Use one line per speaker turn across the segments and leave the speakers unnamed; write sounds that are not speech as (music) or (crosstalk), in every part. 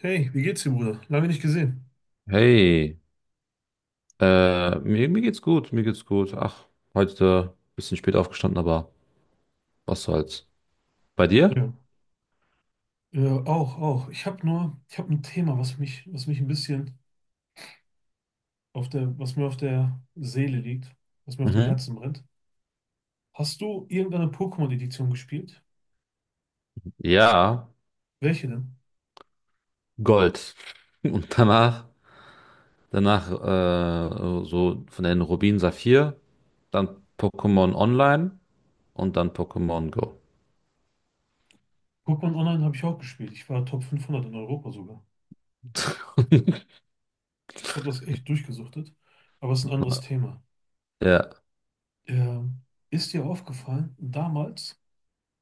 Hey, wie geht's dir, Bruder? Lange nicht gesehen.
Hey, mir geht's gut, mir geht's gut. Ach, heute ein bisschen spät aufgestanden, aber was soll's. Bei dir?
Ja. Ja, auch, auch. Ich habe ein Thema, was mich ein bisschen was mir auf der Seele liegt, was mir auf dem
Mhm.
Herzen brennt. Hast du irgendeine Pokémon-Edition gespielt?
Ja,
Welche denn?
Gold. (laughs) Und danach, danach so von den Rubin Saphir, dann Pokémon Online und dann Pokémon Go.
Pokémon Online habe ich auch gespielt. Ich war Top 500 in Europa sogar.
(laughs)
Ich habe das echt durchgesuchtet, aber es ist ein anderes Thema.
Ja,
Ähm, ist dir aufgefallen, damals,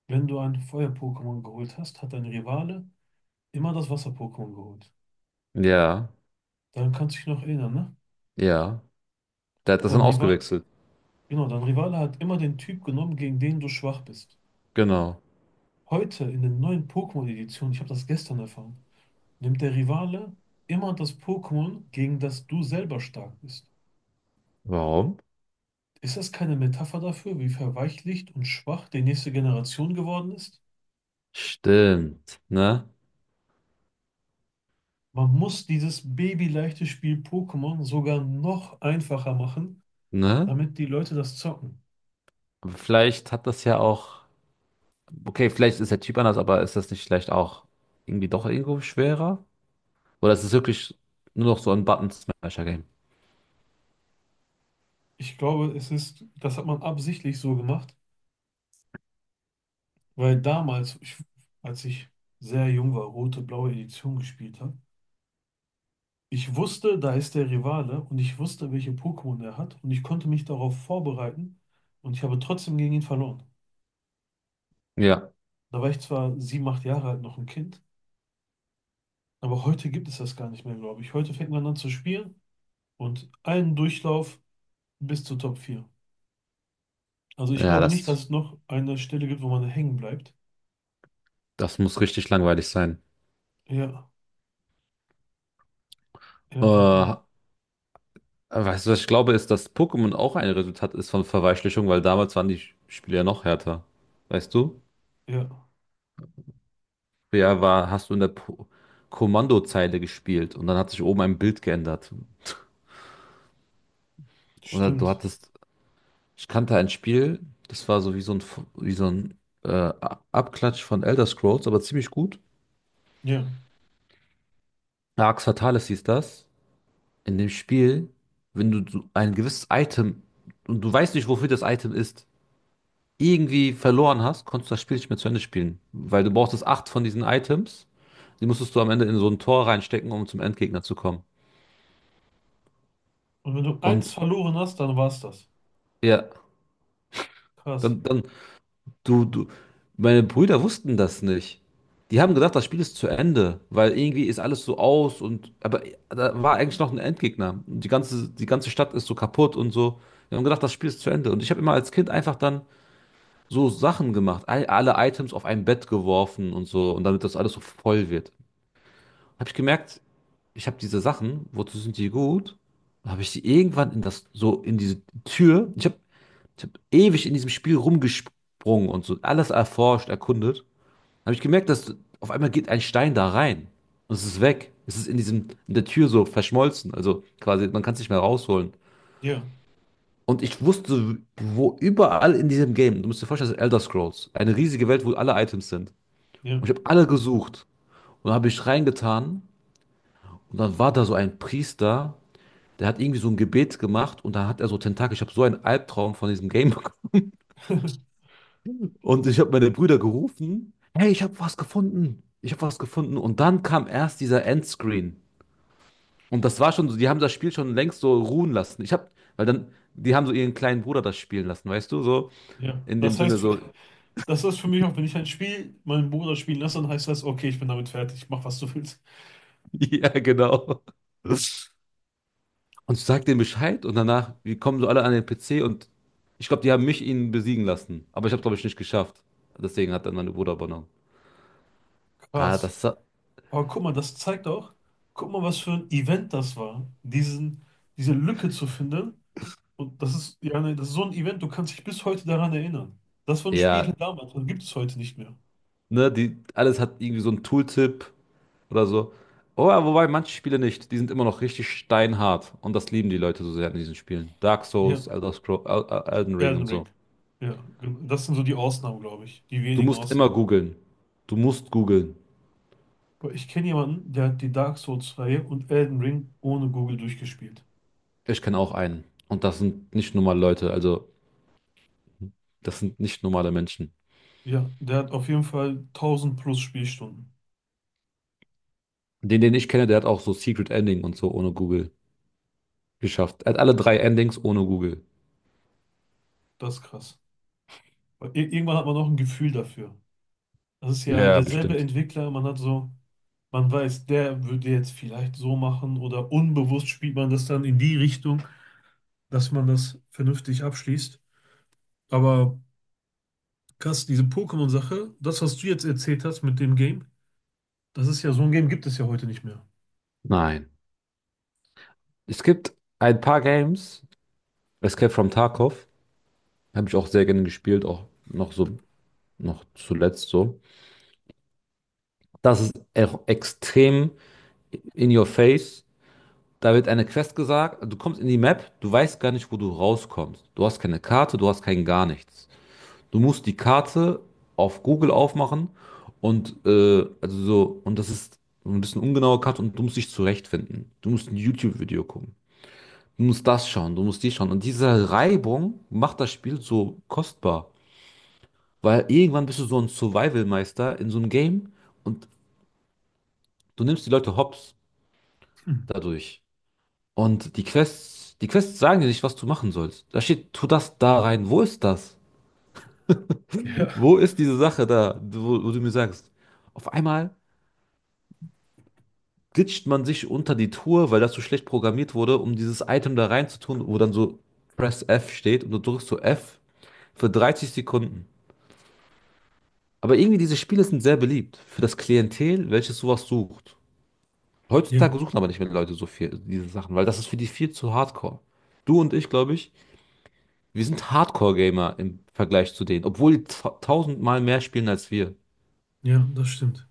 wenn du ein Feuer-Pokémon geholt hast, hat dein Rivale immer das Wasser-Pokémon geholt.
ja,
Daran kannst du dich noch erinnern, ne?
ja. Der hat das
Dein
dann
Rival,
ausgewechselt.
Genau, dein Rivale hat immer den Typ genommen, gegen den du schwach bist.
Genau.
Heute in den neuen Pokémon-Editionen, ich habe das gestern erfahren, nimmt der Rivale immer das Pokémon, gegen das du selber stark bist.
Warum?
Ist das keine Metapher dafür, wie verweichlicht und schwach die nächste Generation geworden ist?
Stimmt, ne?
Man muss dieses babyleichte Spiel Pokémon sogar noch einfacher machen,
Ne?
damit die Leute das zocken.
Vielleicht hat das ja auch. Okay, vielleicht ist der Typ anders, aber ist das nicht vielleicht auch irgendwie doch irgendwo schwerer? Oder ist es wirklich nur noch so ein Button-Smasher-Game?
Ich glaube, es ist, das hat man absichtlich so gemacht. Weil damals, ich, als ich sehr jung war, rote-blaue Edition gespielt habe, ich wusste, da ist der Rivale und ich wusste, welche Pokémon er hat und ich konnte mich darauf vorbereiten und ich habe trotzdem gegen ihn verloren.
Ja,
Da war ich zwar 7, 8 Jahre alt, noch ein Kind, aber heute gibt es das gar nicht mehr, glaube ich. Heute fängt man an zu spielen und einen Durchlauf bis zu Top 4. Also ich
ja,
glaube nicht,
das,
dass es noch eine Stelle gibt, wo man hängen bleibt.
das muss richtig langweilig sein.
Ja, ja, ja, ja,
Äh, Weißt du, was ich glaube, ist, dass Pokémon auch ein Resultat ist von Verweichlichung, weil damals waren die Spiele ja noch härter. Weißt du?
ja,
Ja, war, hast du in der po Kommandozeile gespielt und dann hat sich oben ein Bild geändert. Oder du
stimmt.
hattest. Ich kannte ein Spiel, das war so wie so ein, wie so ein Abklatsch von Elder Scrolls, aber ziemlich gut.
Ja.
Arx Fatalis hieß das. In dem Spiel, wenn du so ein gewisses Item und du weißt nicht, wofür das Item ist, irgendwie verloren hast, konntest du das Spiel nicht mehr zu Ende spielen. Weil du brauchtest 8 von diesen Items. Die musstest du am Ende in so ein Tor reinstecken, um zum Endgegner zu kommen.
Und wenn du eins
Und
verloren hast, dann war's das.
ja,
Krass.
dann, Du, du, meine Brüder wussten das nicht. Die haben gedacht, das Spiel ist zu Ende, weil irgendwie ist alles so aus und, aber da war eigentlich noch ein Endgegner. Und die ganze Stadt ist so kaputt und so. Die haben gedacht, das Spiel ist zu Ende. Und ich habe immer als Kind einfach dann so Sachen gemacht, alle Items auf ein Bett geworfen und so, und damit das alles so voll wird. Habe ich gemerkt, ich habe diese Sachen, wozu sind die gut? Habe ich sie irgendwann in das, so in diese Tür. Ich habe ich hab ewig in diesem Spiel rumgesprungen und so alles erforscht, erkundet. Habe ich gemerkt, dass auf einmal geht ein Stein da rein und es ist weg. Es ist in diesem, in der Tür so verschmolzen. Also quasi, man kann es nicht mehr rausholen.
Ja,
Und ich wusste, wo überall in diesem Game, du musst dir vorstellen, das ist Elder Scrolls, eine riesige Welt, wo alle Items sind. Und ich
ja,
habe alle gesucht und dann habe ich reingetan und dann war da so ein Priester, der hat irgendwie so ein Gebet gemacht und dann hat er so Tentakel. Ich habe so einen Albtraum von diesem Game bekommen. Und ich habe meine Brüder gerufen, hey, ich habe was gefunden. Ich habe was gefunden. Und dann kam erst dieser Endscreen. Und das war schon so, die haben das Spiel schon längst so ruhen lassen. Ich hab, weil dann, die haben so ihren kleinen Bruder das spielen lassen, weißt du, so
ja.
in dem
Das
Sinne
heißt,
so,
das ist für mich auch, wenn ich ein Spiel meinen Bruder spielen lasse, dann heißt das, okay, ich bin damit fertig, mach was du willst.
(laughs) ja, genau. Und sag denen Bescheid und danach, wir kommen so alle an den PC und ich glaube, die haben mich ihnen besiegen lassen. Aber ich habe, glaube ich, nicht geschafft. Deswegen hat dann mein Bruder übernommen. Ah,
Krass.
das, hat-
Aber guck mal, das zeigt auch, guck mal, was für ein Event das war, diese Lücke zu finden. Und das ist, ja, ne, das ist so ein Event, du kannst dich bis heute daran erinnern. Das waren Spiele
ja,
damals, das gibt es heute nicht mehr.
ne, die, alles hat irgendwie so einen Tooltip oder so. Oh, ja, wobei manche Spiele nicht. Die sind immer noch richtig steinhart. Und das lieben die Leute so sehr in diesen Spielen. Dark
Ja,
Souls, Elder Scroll, Elden Ring
Elden
und so.
Ring. Ja, das sind so die Ausnahmen, glaube ich, die
Du
wenigen
musst immer
Ausnahmen.
googeln. Du musst googeln.
Boah, ich kenne jemanden, der hat die Dark Souls-Reihe und Elden Ring ohne Google durchgespielt.
Ich kenne auch einen. Und das sind nicht normale Leute. Also, das sind nicht normale Menschen.
Ja, der hat auf jeden Fall 1.000 plus Spielstunden.
Den, den ich kenne, der hat auch so Secret Ending und so ohne Google geschafft. Er hat alle 3 Endings ohne Google.
Das ist krass. Weil irgendwann hat man auch ein Gefühl dafür. Das ist ja
Ja,
derselbe
bestimmt.
Entwickler, man hat so, man weiß, der würde jetzt vielleicht so machen oder unbewusst spielt man das dann in die Richtung, dass man das vernünftig abschließt. Aber krass, diese Pokémon-Sache, das, was du jetzt erzählt hast mit dem Game, das ist ja, so ein Game gibt es ja heute nicht mehr.
Nein. Es gibt ein paar Games. Escape from Tarkov. Habe ich auch sehr gerne gespielt. Auch noch so, noch zuletzt so. Das ist extrem in your face. Da wird eine Quest gesagt, du kommst in die Map, du weißt gar nicht, wo du rauskommst. Du hast keine Karte, du hast kein gar nichts. Du musst die Karte auf Google aufmachen und also so, und das ist ein bisschen ungenaue Karte und du musst dich zurechtfinden. Du musst ein YouTube-Video gucken. Du musst das schauen, du musst die schauen. Und diese Reibung macht das Spiel so kostbar. Weil irgendwann bist du so ein Survival-Meister in so einem Game und du nimmst die Leute hops
Hm.
dadurch. Und die Quests sagen dir nicht, was du machen sollst. Da steht, tu das da rein. Wo ist das?
Ja,
Wo ist diese Sache da, wo, wo du mir sagst? Auf einmal glitscht man sich unter die Tour, weil das so schlecht programmiert wurde, um dieses Item da reinzutun, wo dann so Press F steht und du drückst so F für 30 Sekunden. Aber irgendwie diese Spiele sind sehr beliebt für das Klientel, welches sowas sucht. Heutzutage
ja,
suchen aber nicht mehr Leute so viel diese Sachen, weil das ist für die viel zu hardcore. Du und ich, glaube ich, wir sind Hardcore-Gamer im Vergleich zu denen, obwohl die ta tausendmal mehr spielen als wir.
ja, das stimmt.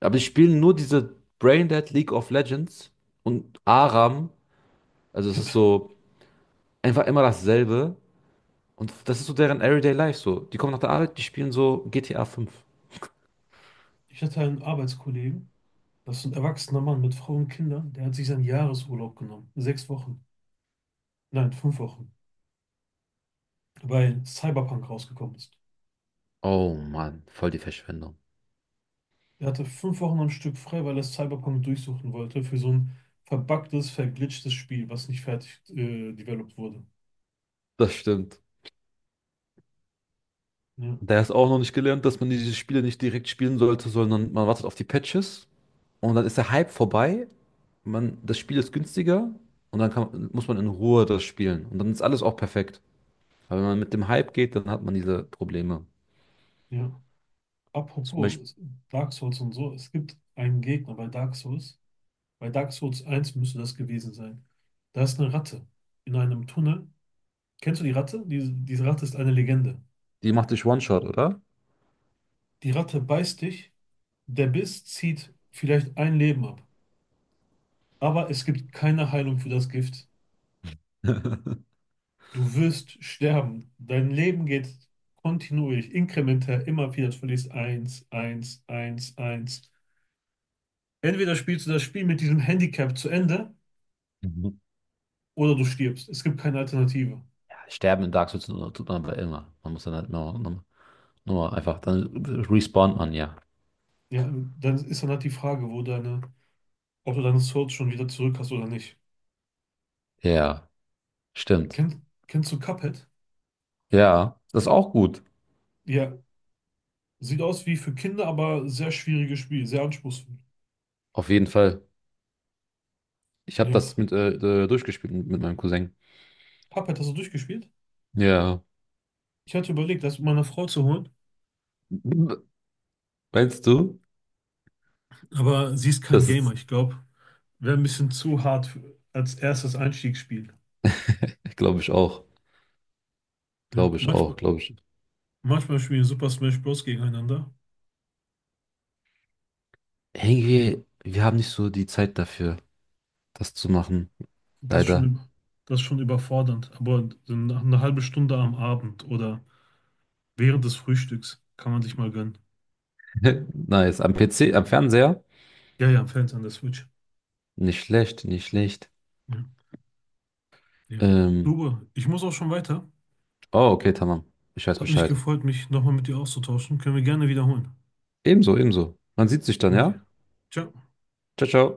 Aber die spielen nur diese Braindead League of Legends und Aram. Also es ist so einfach immer dasselbe. Und das ist so deren Everyday Life so. Die kommen nach der Arbeit, die spielen so GTA 5.
Ich hatte einen Arbeitskollegen, das ist ein erwachsener Mann mit Frau und Kindern, der hat sich seinen Jahresurlaub genommen. 6 Wochen. Nein, 5 Wochen. Weil Cyberpunk rausgekommen ist.
Oh Mann, voll die Verschwendung.
Der hatte 5 Wochen am Stück frei, weil er Cyberpunk durchsuchen wollte für so ein verbuggtes, verglitchtes Spiel, was nicht fertig developed wurde.
Das stimmt.
Ja,
Der ist auch noch nicht gelernt, dass man diese Spiele nicht direkt spielen sollte, sondern man wartet auf die Patches und dann ist der Hype vorbei, man, das Spiel ist günstiger und dann kann, muss man in Ruhe das spielen. Und dann ist alles auch perfekt. Aber wenn man mit dem Hype geht, dann hat man diese Probleme.
ja.
Zum Beispiel,
Apropos Dark Souls und so, es gibt einen Gegner bei Dark Souls. Bei Dark Souls 1 müsste das gewesen sein. Da ist eine Ratte in einem Tunnel. Kennst du die Ratte? Diese Ratte ist eine Legende.
die macht dich One-Shot, oder?
Die Ratte beißt dich. Der Biss zieht vielleicht ein Leben ab, aber es gibt keine Heilung für das Gift. Du wirst sterben. Dein Leben geht kontinuierlich, inkrementell, immer wieder. Du verlierst eins, eins, eins, eins. Entweder spielst du das Spiel mit diesem Handicap zu Ende
Mhm.
oder du stirbst. Es gibt keine Alternative.
Sterben in Dark Souls tut man aber immer. Man muss dann halt nur einfach, dann respawnt man, ja.
Ja, dann ist dann halt die Frage, wo deine, ob du deine Souls schon wieder zurück hast oder nicht.
Ja, stimmt.
Kennt, kennst du Cuphead?
Ja, das ist auch gut.
Ja, sieht aus wie für Kinder, aber sehr schwieriges Spiel, sehr anspruchsvoll.
Auf jeden Fall. Ich habe das
Ja.
mit durchgespielt mit meinem Cousin.
Cuphead hast du durchgespielt?
Ja.
Ich hatte überlegt, das meiner Frau zu holen,
Meinst du?
aber sie ist kein
Das
Gamer.
ist,
Ich glaube, wäre ein bisschen zu hart als erstes Einstiegsspiel.
glaube ich auch.
Ja,
Glaube ich auch,
manchmal,
glaube ich.
manchmal spielen Super Smash Bros. Gegeneinander.
Irgendwie, wir haben nicht so die Zeit dafür, das zu machen.
Das ist
Leider.
schon, das ist schon überfordernd. Aber so nach einer halben Stunde am Abend oder während des Frühstücks kann man sich mal gönnen.
(laughs) Nice. Am PC, am Fernseher?
Ja, ja, Fans an der Switch.
Nicht schlecht, nicht schlecht.
Ja. Ja.
Ähm,
Lube, ich muss auch schon weiter.
oh, okay, tamam. Ich weiß
Hat mich
Bescheid.
gefreut, mich nochmal mit dir auszutauschen. Können wir gerne wiederholen.
Ebenso, ebenso. Man sieht sich dann,
Okay.
ja?
Ciao.
Ciao, ciao.